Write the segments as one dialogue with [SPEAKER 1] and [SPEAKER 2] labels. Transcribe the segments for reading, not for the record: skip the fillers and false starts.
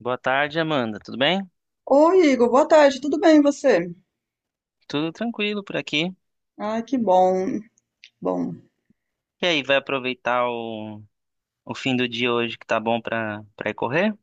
[SPEAKER 1] Boa tarde, Amanda. Tudo bem?
[SPEAKER 2] Oi, Igor, boa tarde, tudo bem e você?
[SPEAKER 1] Tudo tranquilo por aqui.
[SPEAKER 2] Ai, que bom. Bom,
[SPEAKER 1] E aí, vai aproveitar o fim do dia hoje que tá bom pra ir correr?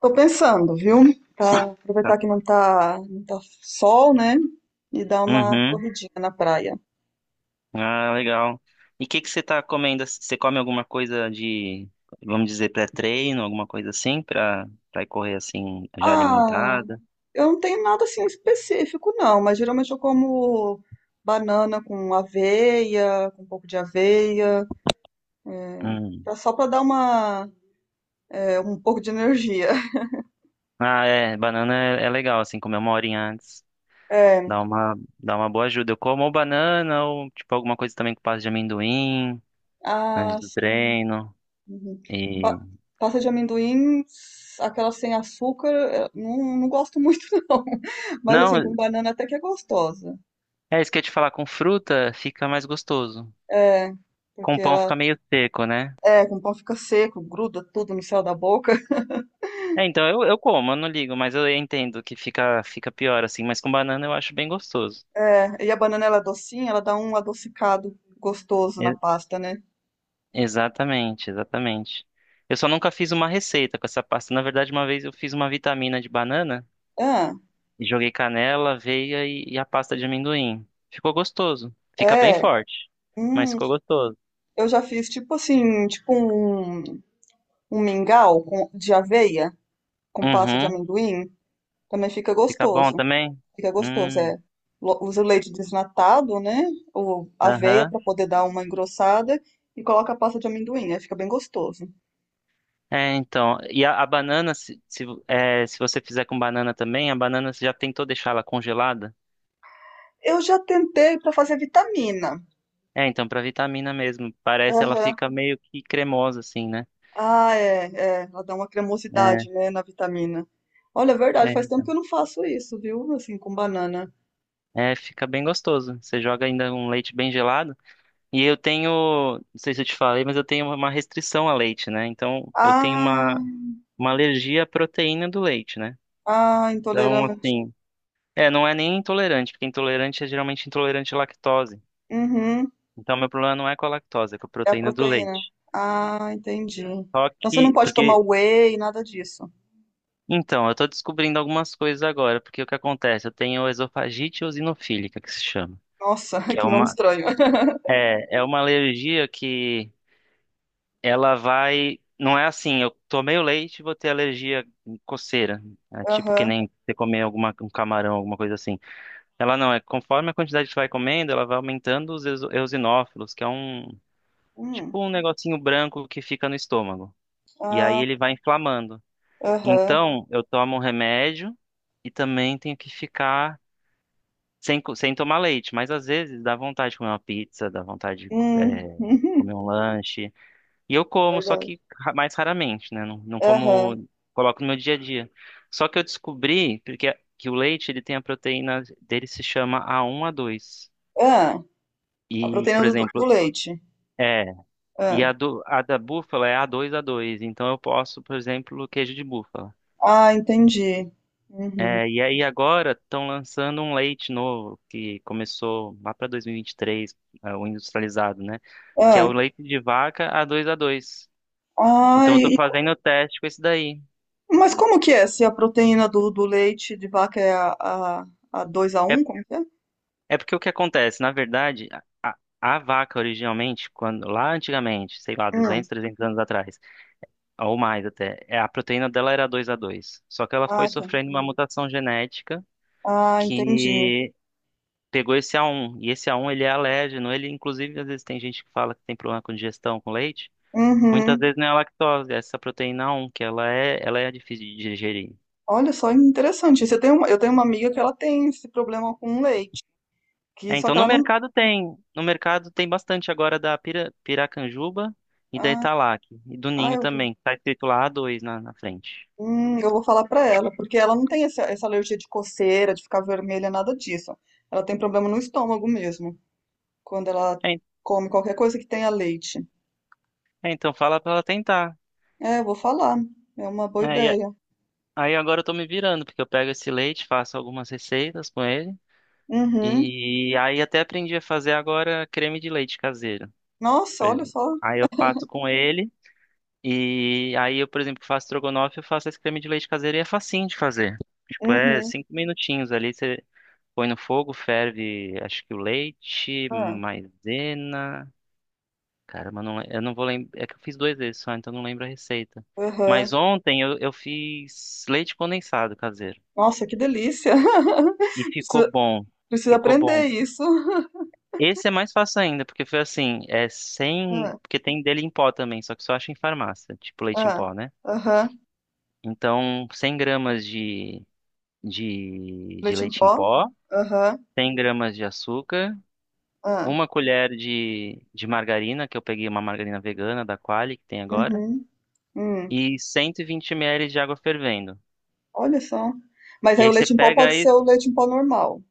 [SPEAKER 2] tô pensando, viu? Pra
[SPEAKER 1] Tá.
[SPEAKER 2] aproveitar que não tá sol, né? E dar uma
[SPEAKER 1] Uhum.
[SPEAKER 2] corridinha na praia.
[SPEAKER 1] Ah, legal. E o que que você tá comendo? Você come alguma coisa de, vamos dizer, pré-treino, alguma coisa assim, pra ir correr assim, já
[SPEAKER 2] Ah,
[SPEAKER 1] alimentada?
[SPEAKER 2] eu não tenho nada assim específico, não, mas geralmente eu como banana com aveia, com um pouco de aveia,
[SPEAKER 1] Hum.
[SPEAKER 2] só pra dar uma, um pouco de energia.
[SPEAKER 1] Ah, é. Banana é legal, assim, comer uma horinha antes.
[SPEAKER 2] É,
[SPEAKER 1] Dá uma boa ajuda. Eu como ou banana ou, tipo, alguma coisa também com pasta de amendoim antes
[SPEAKER 2] ah,
[SPEAKER 1] do treino.
[SPEAKER 2] uhum.
[SPEAKER 1] E.
[SPEAKER 2] Pa- Pasta de amendoim, aquela sem açúcar, não, não gosto muito não. Mas
[SPEAKER 1] Não,
[SPEAKER 2] assim, com banana até que é gostosa.
[SPEAKER 1] é isso que eu ia te falar, com fruta fica mais gostoso.
[SPEAKER 2] É,
[SPEAKER 1] Com
[SPEAKER 2] porque
[SPEAKER 1] pão
[SPEAKER 2] ela
[SPEAKER 1] fica meio seco, né?
[SPEAKER 2] é, com pão fica seco, gruda tudo no céu da boca.
[SPEAKER 1] É, então eu como, eu não ligo, mas eu entendo que fica pior assim, mas com banana eu acho bem gostoso.
[SPEAKER 2] É, e a banana ela é docinha, ela dá um adocicado gostoso na
[SPEAKER 1] E-
[SPEAKER 2] pasta, né?
[SPEAKER 1] Exatamente, exatamente. Eu só nunca fiz uma receita com essa pasta. Na verdade, uma vez eu fiz uma vitamina de banana
[SPEAKER 2] Ah,
[SPEAKER 1] e joguei canela, aveia e a pasta de amendoim. Ficou gostoso. Fica bem
[SPEAKER 2] é.
[SPEAKER 1] forte, mas
[SPEAKER 2] Hum,
[SPEAKER 1] ficou gostoso.
[SPEAKER 2] eu já fiz tipo assim, tipo um mingau com, de aveia com pasta de
[SPEAKER 1] Uhum.
[SPEAKER 2] amendoim, também fica
[SPEAKER 1] Fica bom
[SPEAKER 2] gostoso.
[SPEAKER 1] também?
[SPEAKER 2] Fica gostoso,
[SPEAKER 1] Hum,
[SPEAKER 2] é. Usa o leite desnatado, né? Ou aveia
[SPEAKER 1] aham.
[SPEAKER 2] para poder dar uma engrossada e coloca a pasta de amendoim, aí fica bem gostoso.
[SPEAKER 1] É, então, e a banana, se você fizer com banana também, a banana você já tentou deixar ela congelada?
[SPEAKER 2] Eu já tentei para fazer vitamina.
[SPEAKER 1] É, então, pra vitamina mesmo. Parece ela
[SPEAKER 2] Aham.
[SPEAKER 1] fica meio que cremosa, assim, né?
[SPEAKER 2] Ah, é, ela dá uma
[SPEAKER 1] É,
[SPEAKER 2] cremosidade, né, na vitamina. Olha, é verdade, faz tempo que eu não faço isso, viu? Assim, com banana.
[SPEAKER 1] é, fica bem gostoso. Você joga ainda um leite bem gelado. E eu tenho, não sei se eu te falei, mas eu tenho uma restrição a leite, né? Então, eu tenho uma,
[SPEAKER 2] Ah,
[SPEAKER 1] uma alergia à proteína do leite, né?
[SPEAKER 2] ah,
[SPEAKER 1] Então,
[SPEAKER 2] intolerante.
[SPEAKER 1] assim, não é nem intolerante, porque intolerante é geralmente intolerante à lactose.
[SPEAKER 2] Uhum,
[SPEAKER 1] Então, meu problema não é com a lactose, é com a
[SPEAKER 2] é a
[SPEAKER 1] proteína do
[SPEAKER 2] proteína.
[SPEAKER 1] leite.
[SPEAKER 2] Ah, entendi.
[SPEAKER 1] Só
[SPEAKER 2] Então você não
[SPEAKER 1] que,
[SPEAKER 2] pode tomar
[SPEAKER 1] porque,
[SPEAKER 2] whey, nada disso.
[SPEAKER 1] então, eu tô descobrindo algumas coisas agora, porque o que acontece? Eu tenho esofagite eosinofílica, que se chama,
[SPEAKER 2] Nossa,
[SPEAKER 1] que é
[SPEAKER 2] que nome
[SPEAKER 1] uma,
[SPEAKER 2] estranho.
[SPEAKER 1] é, é uma alergia que ela vai, não é assim, eu tomei o leite e vou ter alergia coceira, é tipo que
[SPEAKER 2] Aham.
[SPEAKER 1] nem você comer alguma, um camarão, alguma coisa assim. Ela não, é conforme a quantidade que você vai comendo, ela vai aumentando os eosinófilos, que é um,
[SPEAKER 2] Hum.
[SPEAKER 1] tipo um negocinho branco que fica no estômago. E aí
[SPEAKER 2] Ah,
[SPEAKER 1] ele vai inflamando.
[SPEAKER 2] aham.
[SPEAKER 1] Então, eu tomo um remédio e também tenho que ficar sem, sem tomar leite. Mas às vezes dá vontade de comer uma pizza, dá vontade de,
[SPEAKER 2] Hum.
[SPEAKER 1] comer um lanche. E eu
[SPEAKER 2] É
[SPEAKER 1] como, só
[SPEAKER 2] verdade.
[SPEAKER 1] que mais raramente, né? Não, não
[SPEAKER 2] Aham.
[SPEAKER 1] como, coloco no meu dia a dia. Só que eu descobri que o leite ele tem a proteína dele se chama A1, a dois.
[SPEAKER 2] Ah, a
[SPEAKER 1] E,
[SPEAKER 2] proteína
[SPEAKER 1] por
[SPEAKER 2] do
[SPEAKER 1] exemplo,
[SPEAKER 2] leite.
[SPEAKER 1] é. E
[SPEAKER 2] Ah,
[SPEAKER 1] a da búfala é A2, a dois. Então eu posso, por exemplo, queijo de búfala.
[SPEAKER 2] ah, entendi. Uhum.
[SPEAKER 1] É, e aí agora estão lançando um leite novo que começou lá para 2023, o industrializado, né? Que é
[SPEAKER 2] Ah,
[SPEAKER 1] o leite de vaca A2A2.
[SPEAKER 2] ah,
[SPEAKER 1] Então eu tô fazendo o teste com esse daí.
[SPEAKER 2] mas como que é? Se a proteína do leite de vaca é a, a 2 a
[SPEAKER 1] É,
[SPEAKER 2] um, como é que é?
[SPEAKER 1] é, porque o que acontece, na verdade, a vaca originalmente, quando lá antigamente, sei lá, 200,
[SPEAKER 2] Hum.
[SPEAKER 1] 300 anos atrás, ou mais até, a proteína dela era 2A2. Só que ela foi
[SPEAKER 2] Ah, tá.
[SPEAKER 1] sofrendo uma mutação genética
[SPEAKER 2] Ah, entendi.
[SPEAKER 1] que pegou esse A1, e esse A1 ele é alérgeno, ele inclusive às vezes tem gente que fala que tem problema com digestão com leite, muitas
[SPEAKER 2] Uhum.
[SPEAKER 1] vezes não é a lactose, é essa proteína A1 que ela é difícil de digerir.
[SPEAKER 2] Olha só, interessante. Eu tenho uma amiga que ela tem esse problema com leite, que
[SPEAKER 1] É,
[SPEAKER 2] só
[SPEAKER 1] então
[SPEAKER 2] que
[SPEAKER 1] no
[SPEAKER 2] ela não.
[SPEAKER 1] mercado tem, no mercado tem bastante agora da piracanjuba e da Italac, e do
[SPEAKER 2] Ah,
[SPEAKER 1] Ninho
[SPEAKER 2] eu
[SPEAKER 1] também, tá escrito lá A2 na, na frente.
[SPEAKER 2] Eu vou falar pra ela, porque ela não tem essa alergia de coceira, de ficar vermelha, nada disso. Ela tem problema no estômago mesmo, quando ela
[SPEAKER 1] É,
[SPEAKER 2] come qualquer coisa que tenha leite.
[SPEAKER 1] é, então fala pra ela tentar.
[SPEAKER 2] É, eu vou falar. É uma boa
[SPEAKER 1] É,
[SPEAKER 2] ideia.
[SPEAKER 1] aí agora eu tô me virando, porque eu pego esse leite, faço algumas receitas com ele,
[SPEAKER 2] Uhum.
[SPEAKER 1] e aí até aprendi a fazer agora creme de leite caseiro.
[SPEAKER 2] Nossa,
[SPEAKER 1] Pois
[SPEAKER 2] olha
[SPEAKER 1] é.
[SPEAKER 2] só.
[SPEAKER 1] Aí eu faço com ele. E aí eu, por exemplo, faço estrogonofe, eu faço esse creme de leite caseiro e é facinho de fazer. Tipo, é
[SPEAKER 2] Uhum.
[SPEAKER 1] cinco minutinhos ali, você põe no fogo, ferve, acho que o leite,
[SPEAKER 2] Ah,
[SPEAKER 1] maisena. Caramba, eu não vou lembrar. É que eu fiz dois vezes só, então eu não lembro a receita. Mas
[SPEAKER 2] uhum.
[SPEAKER 1] ontem eu fiz leite condensado caseiro.
[SPEAKER 2] Nossa, que delícia.
[SPEAKER 1] E ficou
[SPEAKER 2] Precisa,
[SPEAKER 1] bom.
[SPEAKER 2] precisa
[SPEAKER 1] Ficou
[SPEAKER 2] aprender
[SPEAKER 1] bom.
[SPEAKER 2] isso.
[SPEAKER 1] Esse é mais fácil ainda, porque foi assim, é sem.
[SPEAKER 2] Ah,
[SPEAKER 1] Porque tem dele em pó também, só que só acha em farmácia, tipo leite em
[SPEAKER 2] ah,
[SPEAKER 1] pó, né?
[SPEAKER 2] aham.
[SPEAKER 1] Então, 100 gramas de
[SPEAKER 2] Leite em
[SPEAKER 1] leite em
[SPEAKER 2] pó?
[SPEAKER 1] pó,
[SPEAKER 2] Aham,
[SPEAKER 1] 100 gramas de açúcar,
[SPEAKER 2] ah,
[SPEAKER 1] uma colher de margarina, que eu peguei uma margarina vegana da Qualy, que tem agora,
[SPEAKER 2] uhum, hum.
[SPEAKER 1] e 120 ml de água fervendo.
[SPEAKER 2] Olha só. Mas
[SPEAKER 1] E
[SPEAKER 2] aí o
[SPEAKER 1] aí você
[SPEAKER 2] leite em pó
[SPEAKER 1] pega
[SPEAKER 2] pode
[SPEAKER 1] aí,
[SPEAKER 2] ser o leite em pó normal.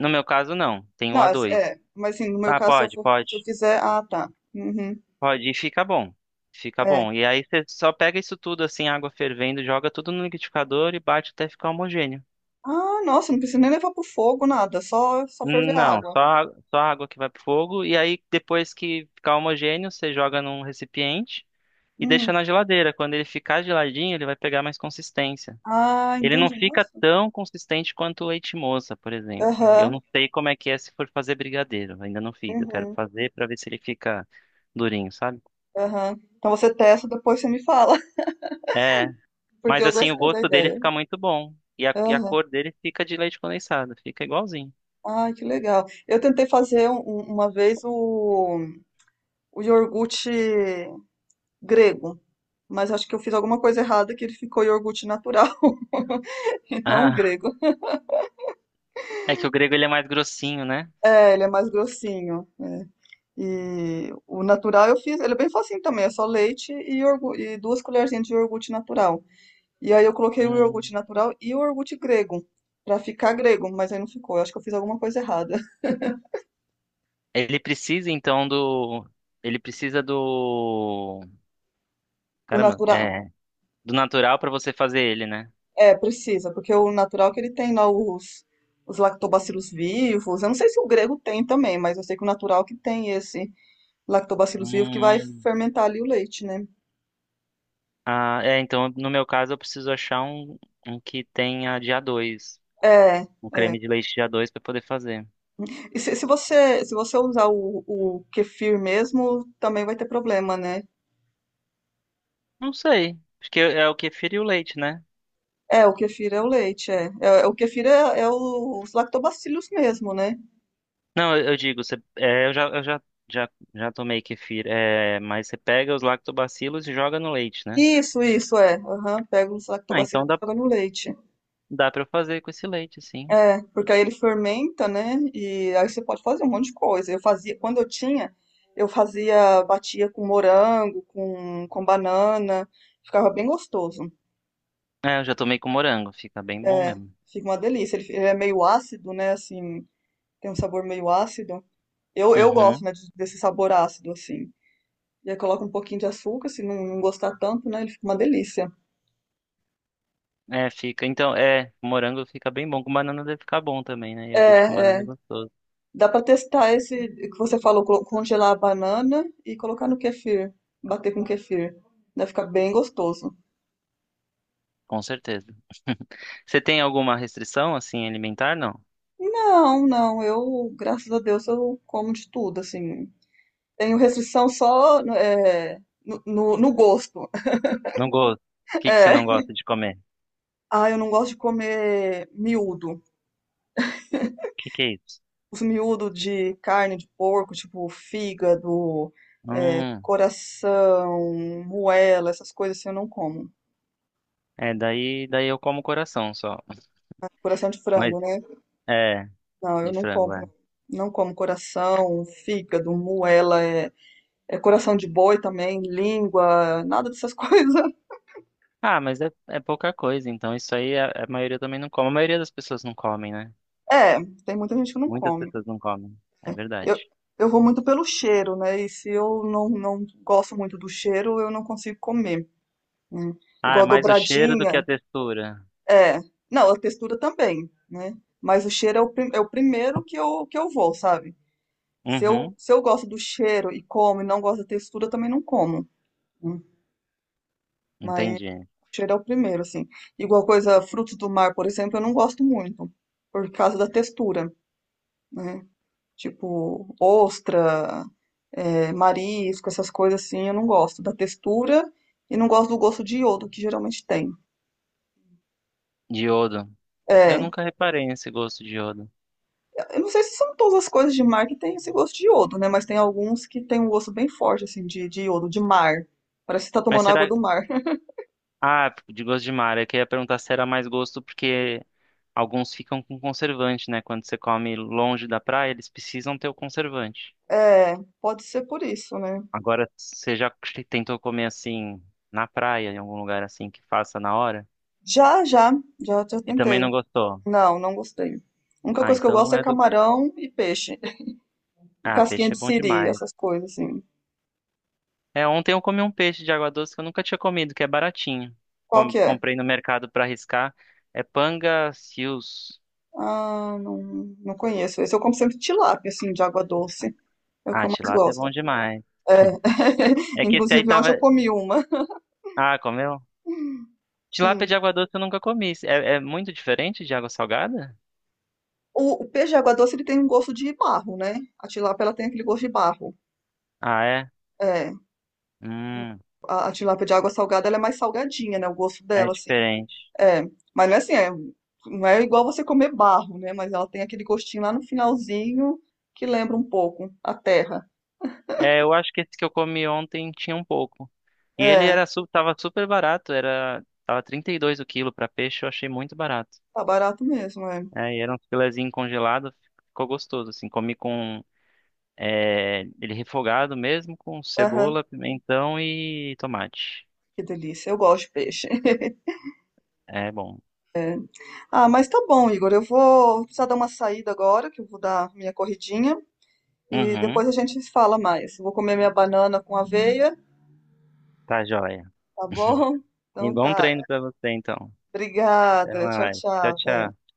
[SPEAKER 1] no meu caso não, tem o
[SPEAKER 2] Não,
[SPEAKER 1] a
[SPEAKER 2] assim,
[SPEAKER 1] dois.
[SPEAKER 2] é, mas assim, no meu
[SPEAKER 1] Ah,
[SPEAKER 2] caso,
[SPEAKER 1] pode, pode,
[SPEAKER 2] se eu fizer, ah, tá. Uhum,
[SPEAKER 1] pode, e fica bom. Fica bom.
[SPEAKER 2] é.
[SPEAKER 1] E aí você só pega isso tudo assim, água fervendo, joga tudo no liquidificador e bate até ficar homogêneo.
[SPEAKER 2] Ah, nossa, não precisa nem levar pro fogo, nada, só ferver a
[SPEAKER 1] Não,
[SPEAKER 2] água.
[SPEAKER 1] só, só água que vai pro fogo. E aí, depois que ficar homogêneo, você joga num recipiente e deixa
[SPEAKER 2] Hum.
[SPEAKER 1] na geladeira. Quando ele ficar geladinho, ele vai pegar mais consistência.
[SPEAKER 2] Ah,
[SPEAKER 1] Ele não
[SPEAKER 2] entendi,
[SPEAKER 1] fica
[SPEAKER 2] nossa.
[SPEAKER 1] tão consistente quanto o leite moça, por exemplo. Eu
[SPEAKER 2] Aham,
[SPEAKER 1] não sei como é que é se for fazer brigadeiro. Ainda não fiz. Eu quero
[SPEAKER 2] uhum,
[SPEAKER 1] fazer pra ver se ele fica durinho, sabe?
[SPEAKER 2] aham. Então você testa, depois você me fala,
[SPEAKER 1] É,
[SPEAKER 2] porque
[SPEAKER 1] mas
[SPEAKER 2] eu
[SPEAKER 1] assim, o
[SPEAKER 2] gostei da
[SPEAKER 1] gosto dele
[SPEAKER 2] ideia.
[SPEAKER 1] fica muito bom. E a
[SPEAKER 2] Aham.
[SPEAKER 1] cor dele fica de leite condensado. Fica igualzinho.
[SPEAKER 2] Ah, que legal. Eu tentei fazer uma vez o iogurte grego, mas acho que eu fiz alguma coisa errada que ele ficou iogurte natural, e não
[SPEAKER 1] Ah,
[SPEAKER 2] grego.
[SPEAKER 1] é que o grego ele é mais grossinho, né?
[SPEAKER 2] É, ele é mais grossinho. É. E o natural eu fiz, ele é bem facinho também, é só leite e, e duas colherzinhas de iogurte natural. E aí eu coloquei o iogurte
[SPEAKER 1] Hum.
[SPEAKER 2] natural e o iogurte grego, pra ficar grego, mas aí não ficou. Eu acho que eu fiz alguma coisa errada.
[SPEAKER 1] Ele precisa então do. Ele precisa do.
[SPEAKER 2] O
[SPEAKER 1] Caramba,
[SPEAKER 2] natural,
[SPEAKER 1] é. Do natural pra você fazer ele, né?
[SPEAKER 2] precisa, porque o natural que ele tem lá os lactobacilos vivos. Eu não sei se o grego tem também, mas eu sei que o natural que tem esse lactobacilos vivo que vai
[SPEAKER 1] Hum.
[SPEAKER 2] fermentar ali o leite, né?
[SPEAKER 1] Ah, é, então no meu caso eu preciso achar um que tenha de A2.
[SPEAKER 2] É,
[SPEAKER 1] Um creme de leite de A2 pra poder fazer.
[SPEAKER 2] e se você usar o kefir mesmo, também vai ter problema, né?
[SPEAKER 1] Não sei. Acho que é o kefir e o leite, né?
[SPEAKER 2] É, o kefir é o leite, é. É, o kefir é os lactobacilos mesmo, né?
[SPEAKER 1] Não, eu digo, você, é, eu já tomei kefir. É, mas você pega os lactobacilos e joga no leite, né?
[SPEAKER 2] Isso, é. Aham, pega os
[SPEAKER 1] Ah, então
[SPEAKER 2] lactobacilos e
[SPEAKER 1] dá,
[SPEAKER 2] joga no leite.
[SPEAKER 1] dá pra eu fazer com esse leite, sim.
[SPEAKER 2] É, porque aí ele fermenta, né? E aí você pode fazer um monte de coisa. Eu fazia, quando eu tinha, eu fazia, batia com morango, com banana, ficava bem gostoso.
[SPEAKER 1] É, eu já tomei com morango, fica bem bom
[SPEAKER 2] É,
[SPEAKER 1] mesmo.
[SPEAKER 2] fica uma delícia. Ele é meio ácido, né? Assim, tem um sabor meio ácido. Eu gosto,
[SPEAKER 1] Uhum.
[SPEAKER 2] né, desse sabor ácido, assim. E aí coloca um pouquinho de açúcar, se não, não gostar tanto, né? Ele fica uma delícia.
[SPEAKER 1] É, fica. Então, é, morango fica bem bom. Com banana deve ficar bom também, né?
[SPEAKER 2] É,
[SPEAKER 1] Iogurte com banana é
[SPEAKER 2] é.
[SPEAKER 1] gostoso.
[SPEAKER 2] Dá pra testar esse que você falou, congelar a banana e colocar no kefir, bater com kefir. Vai ficar bem gostoso.
[SPEAKER 1] Com certeza. Você tem alguma restrição, assim, alimentar? Não.
[SPEAKER 2] Não, não, eu, graças a Deus, eu como de tudo, assim. Tenho restrição só no gosto.
[SPEAKER 1] Não gosto. O que que você
[SPEAKER 2] É.
[SPEAKER 1] não gosta de comer? O
[SPEAKER 2] Ah, eu não gosto de comer miúdo.
[SPEAKER 1] que que é isso?
[SPEAKER 2] Os miúdos de carne de porco, tipo fígado,
[SPEAKER 1] Hum,
[SPEAKER 2] coração, moela, essas coisas assim eu não como.
[SPEAKER 1] é, daí eu como coração só.
[SPEAKER 2] Coração de
[SPEAKER 1] Mas,
[SPEAKER 2] frango, né?
[SPEAKER 1] é,
[SPEAKER 2] Não, eu
[SPEAKER 1] de
[SPEAKER 2] não
[SPEAKER 1] frango,
[SPEAKER 2] como.
[SPEAKER 1] é.
[SPEAKER 2] Não. Como coração, fígado, moela, é coração de boi também, língua, nada dessas coisas.
[SPEAKER 1] Ah, mas é pouca coisa, então isso aí a maioria também não come. A maioria das pessoas não comem, né?
[SPEAKER 2] É, tem muita gente que não
[SPEAKER 1] Muitas
[SPEAKER 2] come.
[SPEAKER 1] pessoas não comem. É
[SPEAKER 2] Eu,
[SPEAKER 1] verdade.
[SPEAKER 2] eu vou muito pelo cheiro, né? E se eu não, não gosto muito do cheiro, eu não consigo comer. Né?
[SPEAKER 1] Ah, é
[SPEAKER 2] Igual
[SPEAKER 1] mais o cheiro do
[SPEAKER 2] dobradinha.
[SPEAKER 1] que a textura.
[SPEAKER 2] É, não, a textura também, né? Mas o cheiro é é o primeiro que eu vou, sabe?
[SPEAKER 1] Uhum,
[SPEAKER 2] Se eu gosto do cheiro e como e não gosto da textura, eu também não como. Né? Mas o
[SPEAKER 1] entendi.
[SPEAKER 2] cheiro é o primeiro, assim. Igual coisa, frutos do mar, por exemplo, eu não gosto muito, por causa da textura, né? Tipo, ostra, marisco, essas coisas assim, eu não gosto da textura e não gosto do gosto de iodo que geralmente tem.
[SPEAKER 1] Diodo. Eu
[SPEAKER 2] É,
[SPEAKER 1] nunca reparei nesse gosto de iodo.
[SPEAKER 2] eu não sei se são todas as coisas de mar que tem esse gosto de iodo, né? Mas tem alguns que tem um gosto bem forte, assim, de iodo, de mar. Parece que tá
[SPEAKER 1] Mas
[SPEAKER 2] tomando água
[SPEAKER 1] será.
[SPEAKER 2] do mar.
[SPEAKER 1] Ah, de gosto de mar. Eu queria perguntar se era mais gosto porque alguns ficam com conservante, né? Quando você come longe da praia, eles precisam ter o conservante.
[SPEAKER 2] É, pode ser por isso, né?
[SPEAKER 1] Agora, você já tentou comer assim na praia, em algum lugar assim que faça na hora?
[SPEAKER 2] Já, já, já, já
[SPEAKER 1] E também não
[SPEAKER 2] tentei.
[SPEAKER 1] gostou?
[SPEAKER 2] Não, não gostei. A única
[SPEAKER 1] Ah,
[SPEAKER 2] coisa que eu
[SPEAKER 1] então
[SPEAKER 2] gosto
[SPEAKER 1] não
[SPEAKER 2] é
[SPEAKER 1] é do.
[SPEAKER 2] camarão e peixe. E
[SPEAKER 1] Ah,
[SPEAKER 2] casquinha
[SPEAKER 1] peixe
[SPEAKER 2] de
[SPEAKER 1] é bom
[SPEAKER 2] siri,
[SPEAKER 1] demais.
[SPEAKER 2] essas coisas, assim.
[SPEAKER 1] É, ontem eu comi um peixe de água doce que eu nunca tinha comido, que é baratinho.
[SPEAKER 2] Qual que é?
[SPEAKER 1] Comprei no mercado pra arriscar. É panga seals.
[SPEAKER 2] Ah, não, não conheço. Esse eu como sempre tilápia, assim, de água doce. É o que
[SPEAKER 1] Ah,
[SPEAKER 2] eu mais
[SPEAKER 1] tilápia é bom
[SPEAKER 2] gosto.
[SPEAKER 1] demais.
[SPEAKER 2] É.
[SPEAKER 1] É que esse aí
[SPEAKER 2] Inclusive, ontem
[SPEAKER 1] tava.
[SPEAKER 2] eu comi uma.
[SPEAKER 1] Ah, comeu? Tilápia
[SPEAKER 2] Sim.
[SPEAKER 1] de água doce eu nunca comi. É, muito diferente de água salgada?
[SPEAKER 2] O peixe de água doce ele tem um gosto de barro, né? A tilápia ela tem aquele gosto de barro.
[SPEAKER 1] Ah, é?
[SPEAKER 2] É,
[SPEAKER 1] Hum,
[SPEAKER 2] a tilápia de água salgada ela é mais salgadinha, né? O gosto
[SPEAKER 1] é
[SPEAKER 2] dela, assim.
[SPEAKER 1] diferente.
[SPEAKER 2] É, mas não é assim, não é igual você comer barro, né? Mas ela tem aquele gostinho lá no finalzinho que lembra um pouco a terra.
[SPEAKER 1] É, eu acho que esse que eu comi ontem tinha um pouco. E ele
[SPEAKER 2] É,
[SPEAKER 1] tava super barato, tava 32 o quilo pra peixe, eu achei muito barato.
[SPEAKER 2] tá barato mesmo, é.
[SPEAKER 1] É, e era um filezinho congelado, ficou gostoso, assim, comi com, ele refogado mesmo, com
[SPEAKER 2] Aham,
[SPEAKER 1] cebola, pimentão e tomate.
[SPEAKER 2] que delícia, eu gosto de peixe.
[SPEAKER 1] É bom.
[SPEAKER 2] É. Ah, mas tá bom, Igor, eu vou precisar dar uma saída agora, que eu vou dar minha corridinha. E
[SPEAKER 1] Uhum,
[SPEAKER 2] depois a gente se fala mais. Eu vou comer minha banana com aveia.
[SPEAKER 1] tá joia.
[SPEAKER 2] Tá bom?
[SPEAKER 1] E
[SPEAKER 2] Então
[SPEAKER 1] bom
[SPEAKER 2] tá.
[SPEAKER 1] treino pra você, então. Até
[SPEAKER 2] Obrigada. Tchau,
[SPEAKER 1] mais.
[SPEAKER 2] tchau.
[SPEAKER 1] Tchau,
[SPEAKER 2] Até.
[SPEAKER 1] tchau.